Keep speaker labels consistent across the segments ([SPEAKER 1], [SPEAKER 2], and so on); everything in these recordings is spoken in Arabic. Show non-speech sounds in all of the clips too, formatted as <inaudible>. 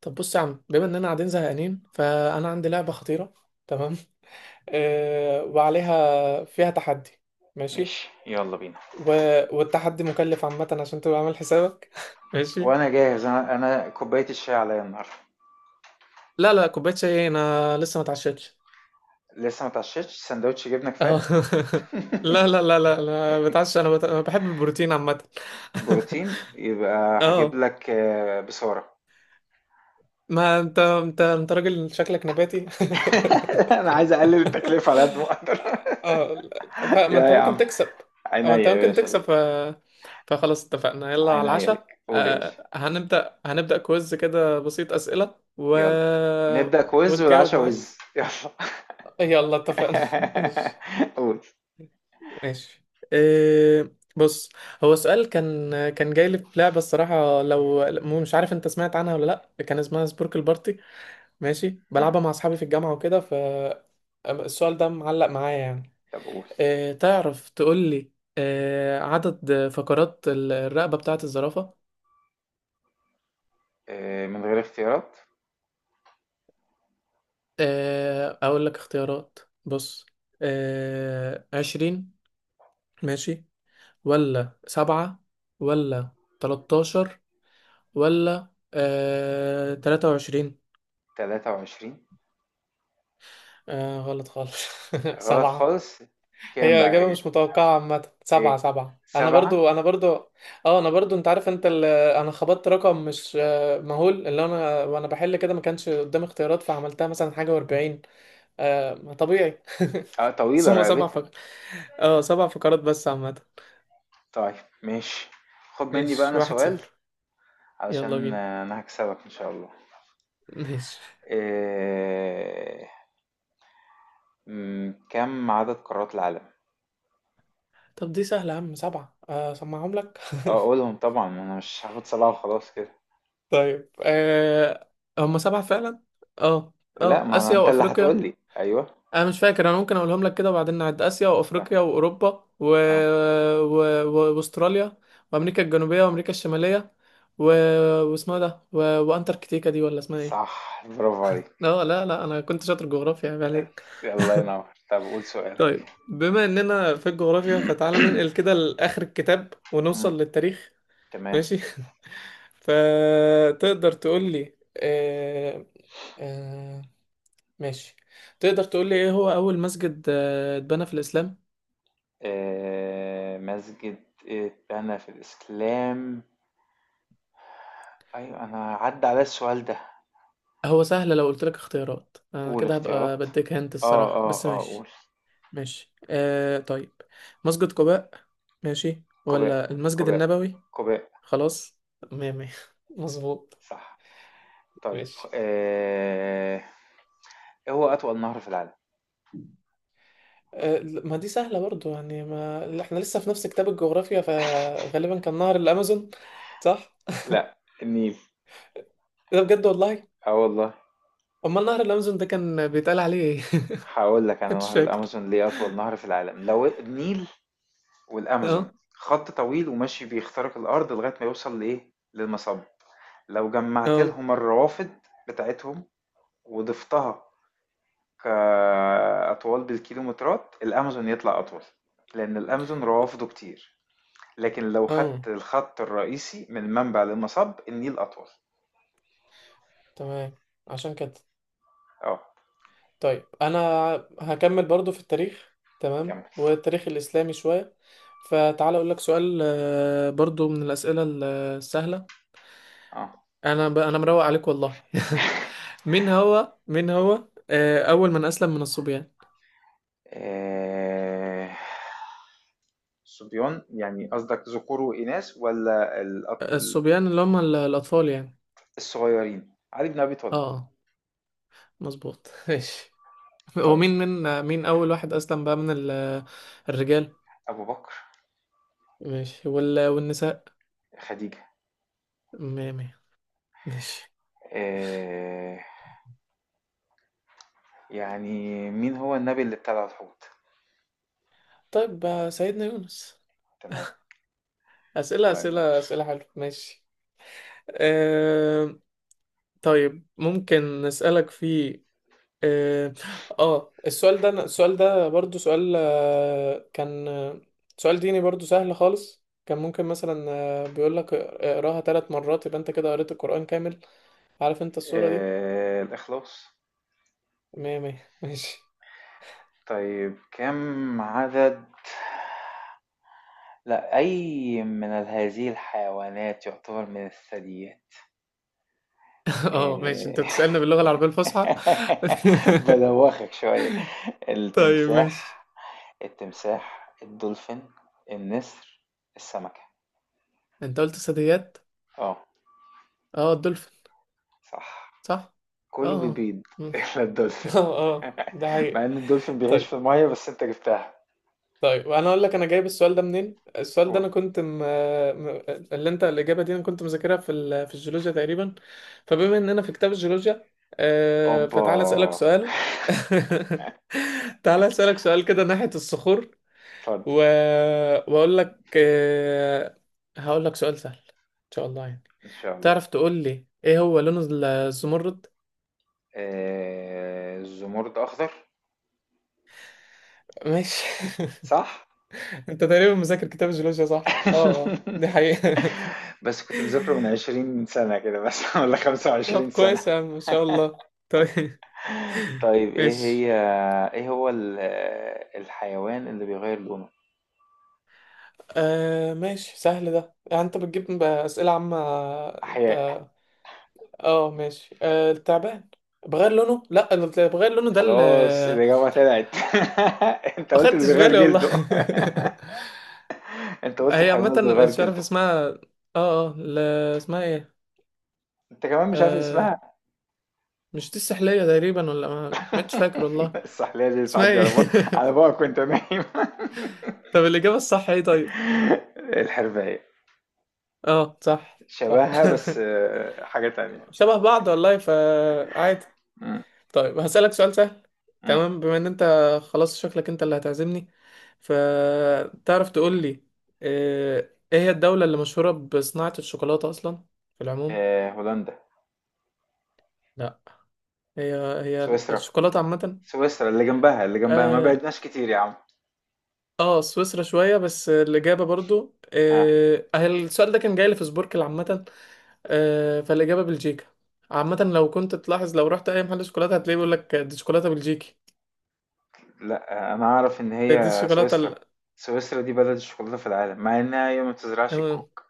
[SPEAKER 1] طب بص يا عم، بما اننا قاعدين زهقانين فانا عندي لعبه خطيره. تمام. وعليها فيها تحدي. ماشي.
[SPEAKER 2] ماشي، يلا بينا.
[SPEAKER 1] و... والتحدي مكلف عامه عشان تبقى عامل حسابك. <laughs> ماشي.
[SPEAKER 2] وانا جاهز، انا كوبايه الشاي عليا النهارده.
[SPEAKER 1] لا، لا، كوبايه شاي انا لسه ما اتعشيتش.
[SPEAKER 2] لسه ما اتعشيتش، سندوتش جبنه
[SPEAKER 1] اه.
[SPEAKER 2] كفايه.
[SPEAKER 1] <laughs> لا، لا، لا، لا، لا، بتعشى. أنا بحب البروتين عامه.
[SPEAKER 2] بروتين
[SPEAKER 1] <laughs>
[SPEAKER 2] يبقى هجيب
[SPEAKER 1] اه.
[SPEAKER 2] لك، بصاره.
[SPEAKER 1] ما انت راجل شكلك نباتي. <laughs>
[SPEAKER 2] <laughs> انا عايز اقلل التكلفه على قد ما اقدر. <laughs>
[SPEAKER 1] اه. لا. فما
[SPEAKER 2] يا
[SPEAKER 1] انت
[SPEAKER 2] يا
[SPEAKER 1] ممكن
[SPEAKER 2] عم،
[SPEAKER 1] تكسب. او
[SPEAKER 2] عينيا
[SPEAKER 1] انت
[SPEAKER 2] يا
[SPEAKER 1] ممكن
[SPEAKER 2] باشا
[SPEAKER 1] تكسب
[SPEAKER 2] ليك.
[SPEAKER 1] فخلاص اتفقنا، يلا على
[SPEAKER 2] عينيا
[SPEAKER 1] العشاء.
[SPEAKER 2] ليك، قول يا باشا.
[SPEAKER 1] هنبدأ كويز كده بسيط، أسئلة
[SPEAKER 2] يلا، نبدا كويز
[SPEAKER 1] وتجاوب
[SPEAKER 2] والعشاء
[SPEAKER 1] معايا.
[SPEAKER 2] وز، يلا.
[SPEAKER 1] يلا اتفقنا. <laughs> ماشي.
[SPEAKER 2] <laughs> قول.
[SPEAKER 1] ماشي. إيه، بص. هو سؤال كان جاي لي في لعبة الصراحة، لو مش عارف انت سمعت عنها ولا. لا، كان اسمها سبوركل بارتي. ماشي،
[SPEAKER 2] مم.
[SPEAKER 1] بلعبها مع اصحابي في الجامعة وكده. السؤال ده معلق معايا يعني.
[SPEAKER 2] طب قول.
[SPEAKER 1] تعرف تقول لي عدد فقرات الرقبة بتاعة الزرافة؟
[SPEAKER 2] من غير اختيارات.
[SPEAKER 1] أقول لك اختيارات. بص، 20، ماشي، ولا سبعة، ولا 13، ولا 23.
[SPEAKER 2] 23.
[SPEAKER 1] غلط خالص. <laughs>
[SPEAKER 2] غلط
[SPEAKER 1] سبعة.
[SPEAKER 2] خالص. كام
[SPEAKER 1] هي
[SPEAKER 2] بقى
[SPEAKER 1] إجابة
[SPEAKER 2] هي؟
[SPEAKER 1] مش متوقعة عامة،
[SPEAKER 2] ايه،
[SPEAKER 1] سبعة، سبعة. أنا
[SPEAKER 2] سبعة؟
[SPEAKER 1] برضو أنا برضو أنا برضو. أنت عارف، أنا خبطت رقم مش مهول، اللي أنا وأنا بحل كده ما كانش قدامي اختيارات، فعملتها مثلا حاجة وأربعين. طبيعي. <laughs>
[SPEAKER 2] اه، طويلة
[SPEAKER 1] ثم سبع
[SPEAKER 2] رقبتها.
[SPEAKER 1] فقرات. سبع فقرات بس عامة.
[SPEAKER 2] طيب، ماشي، خد مني بقى انا
[SPEAKER 1] ماشي، واحد
[SPEAKER 2] سؤال.
[SPEAKER 1] صفر يلا
[SPEAKER 2] علشان
[SPEAKER 1] بينا.
[SPEAKER 2] انا هكسبك ان شاء الله.
[SPEAKER 1] ماشي.
[SPEAKER 2] إيه... م، كم عدد قارات العالم؟
[SPEAKER 1] طب دي سهلة يا عم، سبعة. أسمعهم لك. <laughs>
[SPEAKER 2] اه قولهم طبعا، ما انا مش هاخد سبعة وخلاص كده.
[SPEAKER 1] طيب. هم سبعة فعلا. اه
[SPEAKER 2] لا،
[SPEAKER 1] اه
[SPEAKER 2] ما أنا
[SPEAKER 1] آسيا
[SPEAKER 2] انت اللي
[SPEAKER 1] وأفريقيا.
[SPEAKER 2] هتقولي ايوه.
[SPEAKER 1] انا مش فاكر، انا ممكن اقولهم لك كده وبعدين نعد. اسيا
[SPEAKER 2] صح.
[SPEAKER 1] وافريقيا واوروبا
[SPEAKER 2] اه.
[SPEAKER 1] واستراليا وامريكا الجنوبيه وامريكا الشماليه، و... واسمها ده، وانتاركتيكا دي، ولا اسمها ايه؟
[SPEAKER 2] صح، برافو عليك.
[SPEAKER 1] لا، لا، لا، انا كنت شاطر جغرافيا، عيب عليك.
[SPEAKER 2] الله ينور، طب قول سؤالك.
[SPEAKER 1] طيب، بما اننا في الجغرافيا فتعالى ننقل كده
[SPEAKER 2] <coughs>
[SPEAKER 1] لاخر الكتاب
[SPEAKER 2] مم،
[SPEAKER 1] ونوصل للتاريخ.
[SPEAKER 2] تمام.
[SPEAKER 1] ماشي. <laughs> فتقدر تقول لي آه... آه... ماشي. تقدر تقول لي ايه هو اول مسجد اتبنى في الاسلام؟
[SPEAKER 2] مسجد اتبنى في الإسلام. أيوة، أنا عدى على السؤال ده.
[SPEAKER 1] هو سهل، لو قلت لك اختيارات انا
[SPEAKER 2] قول
[SPEAKER 1] كده هبقى
[SPEAKER 2] اختيارات.
[SPEAKER 1] بديك هنت
[SPEAKER 2] اه
[SPEAKER 1] الصراحة،
[SPEAKER 2] اه
[SPEAKER 1] بس
[SPEAKER 2] اه،
[SPEAKER 1] ماشي.
[SPEAKER 2] قول.
[SPEAKER 1] ماشي، طيب. مسجد قباء، ماشي،
[SPEAKER 2] قباء.
[SPEAKER 1] ولا المسجد
[SPEAKER 2] قباء.
[SPEAKER 1] النبوي؟
[SPEAKER 2] قباء.
[SPEAKER 1] خلاص، مية مية. <laughs> مظبوط.
[SPEAKER 2] صح. طيب.
[SPEAKER 1] ماشي.
[SPEAKER 2] آه... ايه هو أطول نهر في العالم؟
[SPEAKER 1] ما دي سهلة برضو يعني، ما، لا، احنا لسه في نفس كتاب الجغرافيا، فغالبا كان نهر الأمازون. صح؟
[SPEAKER 2] لا، النيل.
[SPEAKER 1] ده بجد والله.
[SPEAKER 2] اه والله.
[SPEAKER 1] أمال نهر الأمازون ده كان بيتقال عليه ايه؟
[SPEAKER 2] هقول لك
[SPEAKER 1] <laughs>
[SPEAKER 2] انا
[SPEAKER 1] مش
[SPEAKER 2] نهر
[SPEAKER 1] فاكر.
[SPEAKER 2] الامازون ليه اطول نهر في العالم لو النيل. والامازون
[SPEAKER 1] اه،
[SPEAKER 2] خط طويل وماشي بيخترق الارض لغايه ما يوصل لايه، للمصب. لو جمعت
[SPEAKER 1] اه،
[SPEAKER 2] لهم الروافد بتاعتهم وضفتها كاطوال بالكيلومترات، الامازون يطلع اطول، لان الامازون روافده كتير. لكن لو
[SPEAKER 1] اه،
[SPEAKER 2] خدت الخط الرئيسي من المنبع للمصب، النيل أطول.
[SPEAKER 1] تمام، عشان كده.
[SPEAKER 2] اه.
[SPEAKER 1] طيب انا هكمل برضو في التاريخ. تمام،
[SPEAKER 2] كمل.
[SPEAKER 1] والتاريخ الاسلامي شويه. فتعال اقول لك سؤال، برضو من الاسئله السهله.
[SPEAKER 2] اه.
[SPEAKER 1] انا مروق عليك والله. <laughs> مين هو اول من اسلم من الصبيان؟
[SPEAKER 2] آه، صبيان يعني قصدك ذكور وإناث، ولا
[SPEAKER 1] الصبيان اللي هم الاطفال يعني.
[SPEAKER 2] الصغيرين علي بن أبي طالب.
[SPEAKER 1] اه، مظبوط. <laughs> ماشي.
[SPEAKER 2] طيب،
[SPEAKER 1] ومين من مين اول واحد اسلم بقى من الرجال؟
[SPEAKER 2] أبو بكر.
[SPEAKER 1] ماشي. والنساء؟
[SPEAKER 2] خديجة.
[SPEAKER 1] مية مية. ماشي.
[SPEAKER 2] آه، يعني، مين هو النبي اللي ابتلع الحوت؟
[SPEAKER 1] طيب، سيدنا يونس.
[SPEAKER 2] تمام.
[SPEAKER 1] أسئلة،
[SPEAKER 2] الله ينور.
[SPEAKER 1] أسئلة، أسئلة حلوة. ماشي. أه... طيب، ممكن نسألك في. اه. السؤال ده برضو سؤال، كان سؤال ديني برضو سهل خالص. كان ممكن مثلا بيقولك اقراها ثلاث مرات يبقى انت كده قريت القرآن كامل. عارف انت الصورة دي؟
[SPEAKER 2] الإخلاص.
[SPEAKER 1] مية مية. ماشي.
[SPEAKER 2] طيب، كم عدد؟ لا، أي من هذه الحيوانات يعتبر من الثدييات؟
[SPEAKER 1] <laughs> اه، ماشي، انت
[SPEAKER 2] إيه.
[SPEAKER 1] بتسألنا باللغة العربية الفصحى.
[SPEAKER 2] <laughs>
[SPEAKER 1] <laughs>
[SPEAKER 2] بلوخك شوية.
[SPEAKER 1] طيب ماشي.
[SPEAKER 2] التمساح. التمساح، الدولفين، النسر، السمكة.
[SPEAKER 1] انت قلت ثدييات.
[SPEAKER 2] اه.
[SPEAKER 1] اه، الدولفين.
[SPEAKER 2] صح.
[SPEAKER 1] صح.
[SPEAKER 2] كله
[SPEAKER 1] اه.
[SPEAKER 2] بيبيض <laughs> إلا الدولفين.
[SPEAKER 1] <laughs> اه، اه، ده
[SPEAKER 2] مع
[SPEAKER 1] حقيقة.
[SPEAKER 2] إن الدولفين بيعيش في
[SPEAKER 1] طيب.
[SPEAKER 2] المية، بس أنت جبتها.
[SPEAKER 1] طيب، وانا اقول لك انا جايب السؤال ده منين. السؤال ده
[SPEAKER 2] قول.
[SPEAKER 1] انا كنت م... اللي انت الاجابه دي انا كنت مذاكرها في الجيولوجيا تقريبا. فبما اننا في كتاب الجيولوجيا،
[SPEAKER 2] أوبا.
[SPEAKER 1] فتعالى اسالك سؤال. <laughs> تعالى اسالك سؤال كده ناحيه الصخور،
[SPEAKER 2] اتفضل.
[SPEAKER 1] و... واقول لك آه... هقول لك سؤال سهل ان شاء الله يعني.
[SPEAKER 2] إن شاء الله.
[SPEAKER 1] تعرف تقول لي ايه هو لون الزمرد؟
[SPEAKER 2] إيه، الزمرد أخضر.
[SPEAKER 1] ماشي. <laughs>
[SPEAKER 2] صح.
[SPEAKER 1] انت تقريبا مذاكر كتاب الجيولوجيا، صح، اه، اه، دي
[SPEAKER 2] <laughs>
[SPEAKER 1] حقيقة.
[SPEAKER 2] بس كنت مذاكره من 20 سنة كده بس، <laughs> ولا
[SPEAKER 1] طب
[SPEAKER 2] 25 سنة.
[SPEAKER 1] كويس يا عم، ما شاء الله. طيب. <laughs>
[SPEAKER 2] طيب ايه
[SPEAKER 1] ماشي.
[SPEAKER 2] هي، ايه هو الحيوان اللي بيغير لونه؟
[SPEAKER 1] ماشي، سهل ده يعني، انت بتجيب اسئله عامه. انت.
[SPEAKER 2] احياء.
[SPEAKER 1] اه، ماشي، التعبان بغير لونه. لا، اللي بغير لونه ده اللي،
[SPEAKER 2] خلاص، الإجابة طلعت. <laughs> انت
[SPEAKER 1] ما
[SPEAKER 2] قلت اللي
[SPEAKER 1] خدتش
[SPEAKER 2] بيغير
[SPEAKER 1] بالي والله.
[SPEAKER 2] جلده.
[SPEAKER 1] <laughs>
[SPEAKER 2] <laughs> انت قلت
[SPEAKER 1] هي
[SPEAKER 2] الحيوان
[SPEAKER 1] عامه،
[SPEAKER 2] اللي بيغير
[SPEAKER 1] مش عارف
[SPEAKER 2] جلده.
[SPEAKER 1] اسمها، اه، اه، اسمها ايه؟
[SPEAKER 2] انت كمان مش عارف
[SPEAKER 1] آه
[SPEAKER 2] اسمها.
[SPEAKER 1] مش دي السحليه تقريبا، ولا ما، مش فاكر والله.
[SPEAKER 2] <laughs> السحلية دي
[SPEAKER 1] اسمها
[SPEAKER 2] بتعدي
[SPEAKER 1] ايه؟
[SPEAKER 2] على بقى. على
[SPEAKER 1] <laughs>
[SPEAKER 2] بقى كنت نايم.
[SPEAKER 1] طب الاجابه الصح ايه؟ طيب.
[SPEAKER 2] <laughs> الحرباية.
[SPEAKER 1] اه، صح، صح.
[SPEAKER 2] شبهها بس
[SPEAKER 1] <laughs>
[SPEAKER 2] حاجة تانية.
[SPEAKER 1] شبه بعض والله، فعادي.
[SPEAKER 2] مم.
[SPEAKER 1] طيب هسألك سؤال سهل،
[SPEAKER 2] مم.
[SPEAKER 1] تمام. بما ان انت خلاص شكلك انت اللي هتعزمني، فتعرف تقول لي ايه هي الدولة اللي مشهورة بصناعة الشوكولاتة اصلا في العموم؟
[SPEAKER 2] هولندا.
[SPEAKER 1] لا. هي هي
[SPEAKER 2] سويسرا.
[SPEAKER 1] الشوكولاتة عامة.
[SPEAKER 2] سويسرا، اللي جنبها ما
[SPEAKER 1] اه،
[SPEAKER 2] بعدناش كتير يا عم.
[SPEAKER 1] سويسرا شوية، بس الإجابة برضو،
[SPEAKER 2] ها.
[SPEAKER 1] السؤال ده كان جاي لي في سبوركل عامة. فالإجابة بلجيكا. عامة لو كنت تلاحظ لو رحت أي محل شوكولاتة هتلاقيه بيقول لك دي شوكولاتة بلجيكي.
[SPEAKER 2] لا، انا اعرف ان
[SPEAKER 1] دي
[SPEAKER 2] هي
[SPEAKER 1] الشوكولاتة.
[SPEAKER 2] سويسرا. سويسرا دي بلد الشوكولاتة في العالم، مع انها هي ما بتزرعش
[SPEAKER 1] انا
[SPEAKER 2] الكوك.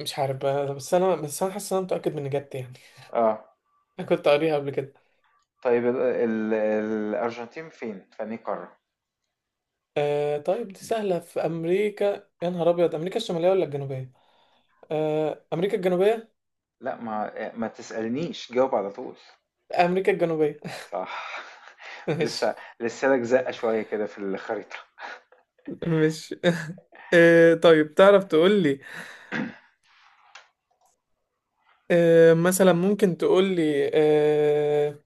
[SPEAKER 1] مش عارف بقى، بس انا حاسس ان انا متاكد من اجابتي يعني.
[SPEAKER 2] اه.
[SPEAKER 1] <laughs> انا كنت قاريها قبل كده.
[SPEAKER 2] طيب، ال ال الارجنتين فين، في أنهي قارة؟
[SPEAKER 1] طيب دي سهله، في امريكا، يا نهار ابيض، امريكا الشماليه ولا الجنوبيه؟ امريكا الجنوبيه.
[SPEAKER 2] لا، ما ما تسألنيش، جاوب على طول.
[SPEAKER 1] امريكا الجنوبيه.
[SPEAKER 2] صح.
[SPEAKER 1] <laughs>
[SPEAKER 2] <laughs>
[SPEAKER 1] مش،
[SPEAKER 2] لسه. لسه لك زقة شوية كده في الخريطة.
[SPEAKER 1] مش. <laughs> طيب، تعرف تقول لي آه مثلا ممكن تقول لي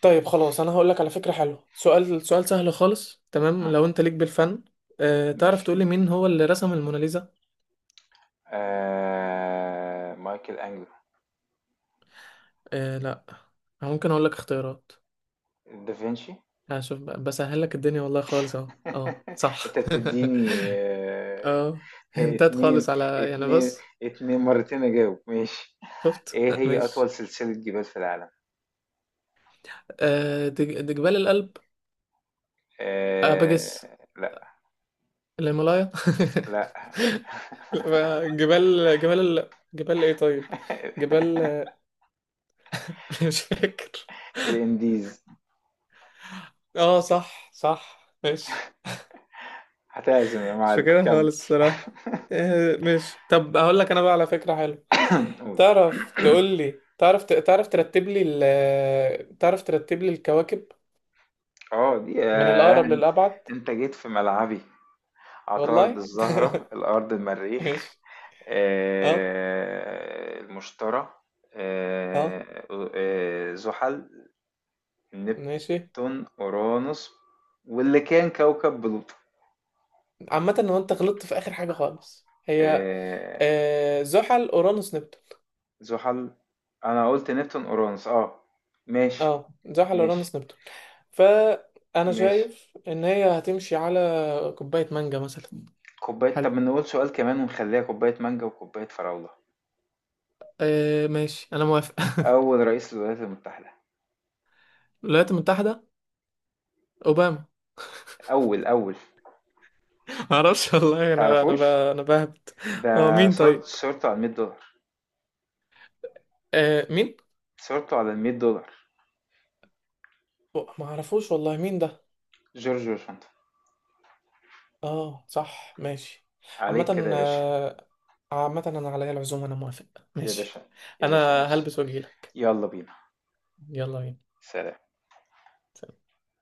[SPEAKER 1] طيب خلاص انا هقول لك على فكره حلوه. سؤال، سؤال سهل خالص، تمام،
[SPEAKER 2] مم.
[SPEAKER 1] لو انت ليك بالفن. تعرف
[SPEAKER 2] ماشي.
[SPEAKER 1] تقول لي مين هو اللي رسم الموناليزا؟
[SPEAKER 2] آه... مايكل أنجلو.
[SPEAKER 1] لا، ممكن اقول لك اختيارات.
[SPEAKER 2] دافنشي.
[SPEAKER 1] هشوف بسهل لك الدنيا والله خالص، اهو، اه،
[SPEAKER 2] <laughs> انت
[SPEAKER 1] صح.
[SPEAKER 2] بتديني،
[SPEAKER 1] <laughs> اه.
[SPEAKER 2] هي
[SPEAKER 1] هنتات خالص
[SPEAKER 2] اتنين.
[SPEAKER 1] على يعني،
[SPEAKER 2] اتنين،
[SPEAKER 1] بص.
[SPEAKER 2] اتنين مرتين اجاوب، ماشي.
[SPEAKER 1] شفت.
[SPEAKER 2] ايه هي اطول
[SPEAKER 1] ماشي.
[SPEAKER 2] سلسلة جبال في العالم؟
[SPEAKER 1] ده جبال الألب.
[SPEAKER 2] آه
[SPEAKER 1] بجس
[SPEAKER 2] لا.
[SPEAKER 1] الهيمالايا.
[SPEAKER 2] لا.
[SPEAKER 1] <laughs> لا، جبال جبال ايه طيب؟ جبال.
[SPEAKER 2] <laughs>
[SPEAKER 1] <laughs> مش فاكر.
[SPEAKER 2] الانديز.
[SPEAKER 1] اه، صح، صح، ماشي.
[SPEAKER 2] هتعزم يا
[SPEAKER 1] مش
[SPEAKER 2] معلم،
[SPEAKER 1] فاكرها
[SPEAKER 2] كمل.
[SPEAKER 1] خالص الصراحة. ماشي. طب هقول لك انا بقى على فكرة حلوة.
[SPEAKER 2] <coughs> قول. <coughs>
[SPEAKER 1] تعرف ترتب لي الكواكب
[SPEAKER 2] اه دي،
[SPEAKER 1] من الأقرب للأبعد.
[SPEAKER 2] انت جيت في ملعبي. عطارد،
[SPEAKER 1] والله.
[SPEAKER 2] الزهرة، الارض،
[SPEAKER 1] <laughs>
[SPEAKER 2] المريخ،
[SPEAKER 1] ماشي. اه،
[SPEAKER 2] المشتري،
[SPEAKER 1] اه،
[SPEAKER 2] آه، زحل،
[SPEAKER 1] ماشي.
[SPEAKER 2] نبتون، اورانوس، واللي كان كوكب بلوتو.
[SPEAKER 1] عامة هو انت غلطت في آخر حاجة خالص، هي
[SPEAKER 2] آه
[SPEAKER 1] زحل أورانوس نبتون.
[SPEAKER 2] زحل، انا قلت نبتون اورانوس. اه ماشي.
[SPEAKER 1] اه، زحل
[SPEAKER 2] ماشي.
[SPEAKER 1] أورانوس نبتون. فأنا
[SPEAKER 2] ماشي.
[SPEAKER 1] شايف إن هي هتمشي على كوباية مانجا مثلا.
[SPEAKER 2] كوباية. طب
[SPEAKER 1] حلو.
[SPEAKER 2] نقول سؤال كمان ونخليها كوباية مانجا وكوباية فراولة.
[SPEAKER 1] ماشي، أنا موافق. <laughs>
[SPEAKER 2] اول رئيس للولايات المتحدة.
[SPEAKER 1] الولايات المتحدة، أوباما.
[SPEAKER 2] اول
[SPEAKER 1] <laughs> معرفش والله.
[SPEAKER 2] تعرفوش.
[SPEAKER 1] أنا بهبت.
[SPEAKER 2] ده
[SPEAKER 1] هو مين
[SPEAKER 2] صورت
[SPEAKER 1] طيب؟
[SPEAKER 2] صورته على 100 دولار.
[SPEAKER 1] مين؟
[SPEAKER 2] صورته على 100 دولار.
[SPEAKER 1] ما أعرفوش والله مين ده.
[SPEAKER 2] جورج واشنطن.
[SPEAKER 1] اه، صح، ماشي.
[SPEAKER 2] عليك كده
[SPEAKER 1] عامة،
[SPEAKER 2] يا باشا.
[SPEAKER 1] عامة انا عليا العزومة، انا موافق.
[SPEAKER 2] يا
[SPEAKER 1] ماشي.
[SPEAKER 2] باشا. يا باشا،
[SPEAKER 1] انا
[SPEAKER 2] ماشي.
[SPEAKER 1] هلبس واجيلك.
[SPEAKER 2] يلا بينا.
[SPEAKER 1] يلا بينا.
[SPEAKER 2] سلام.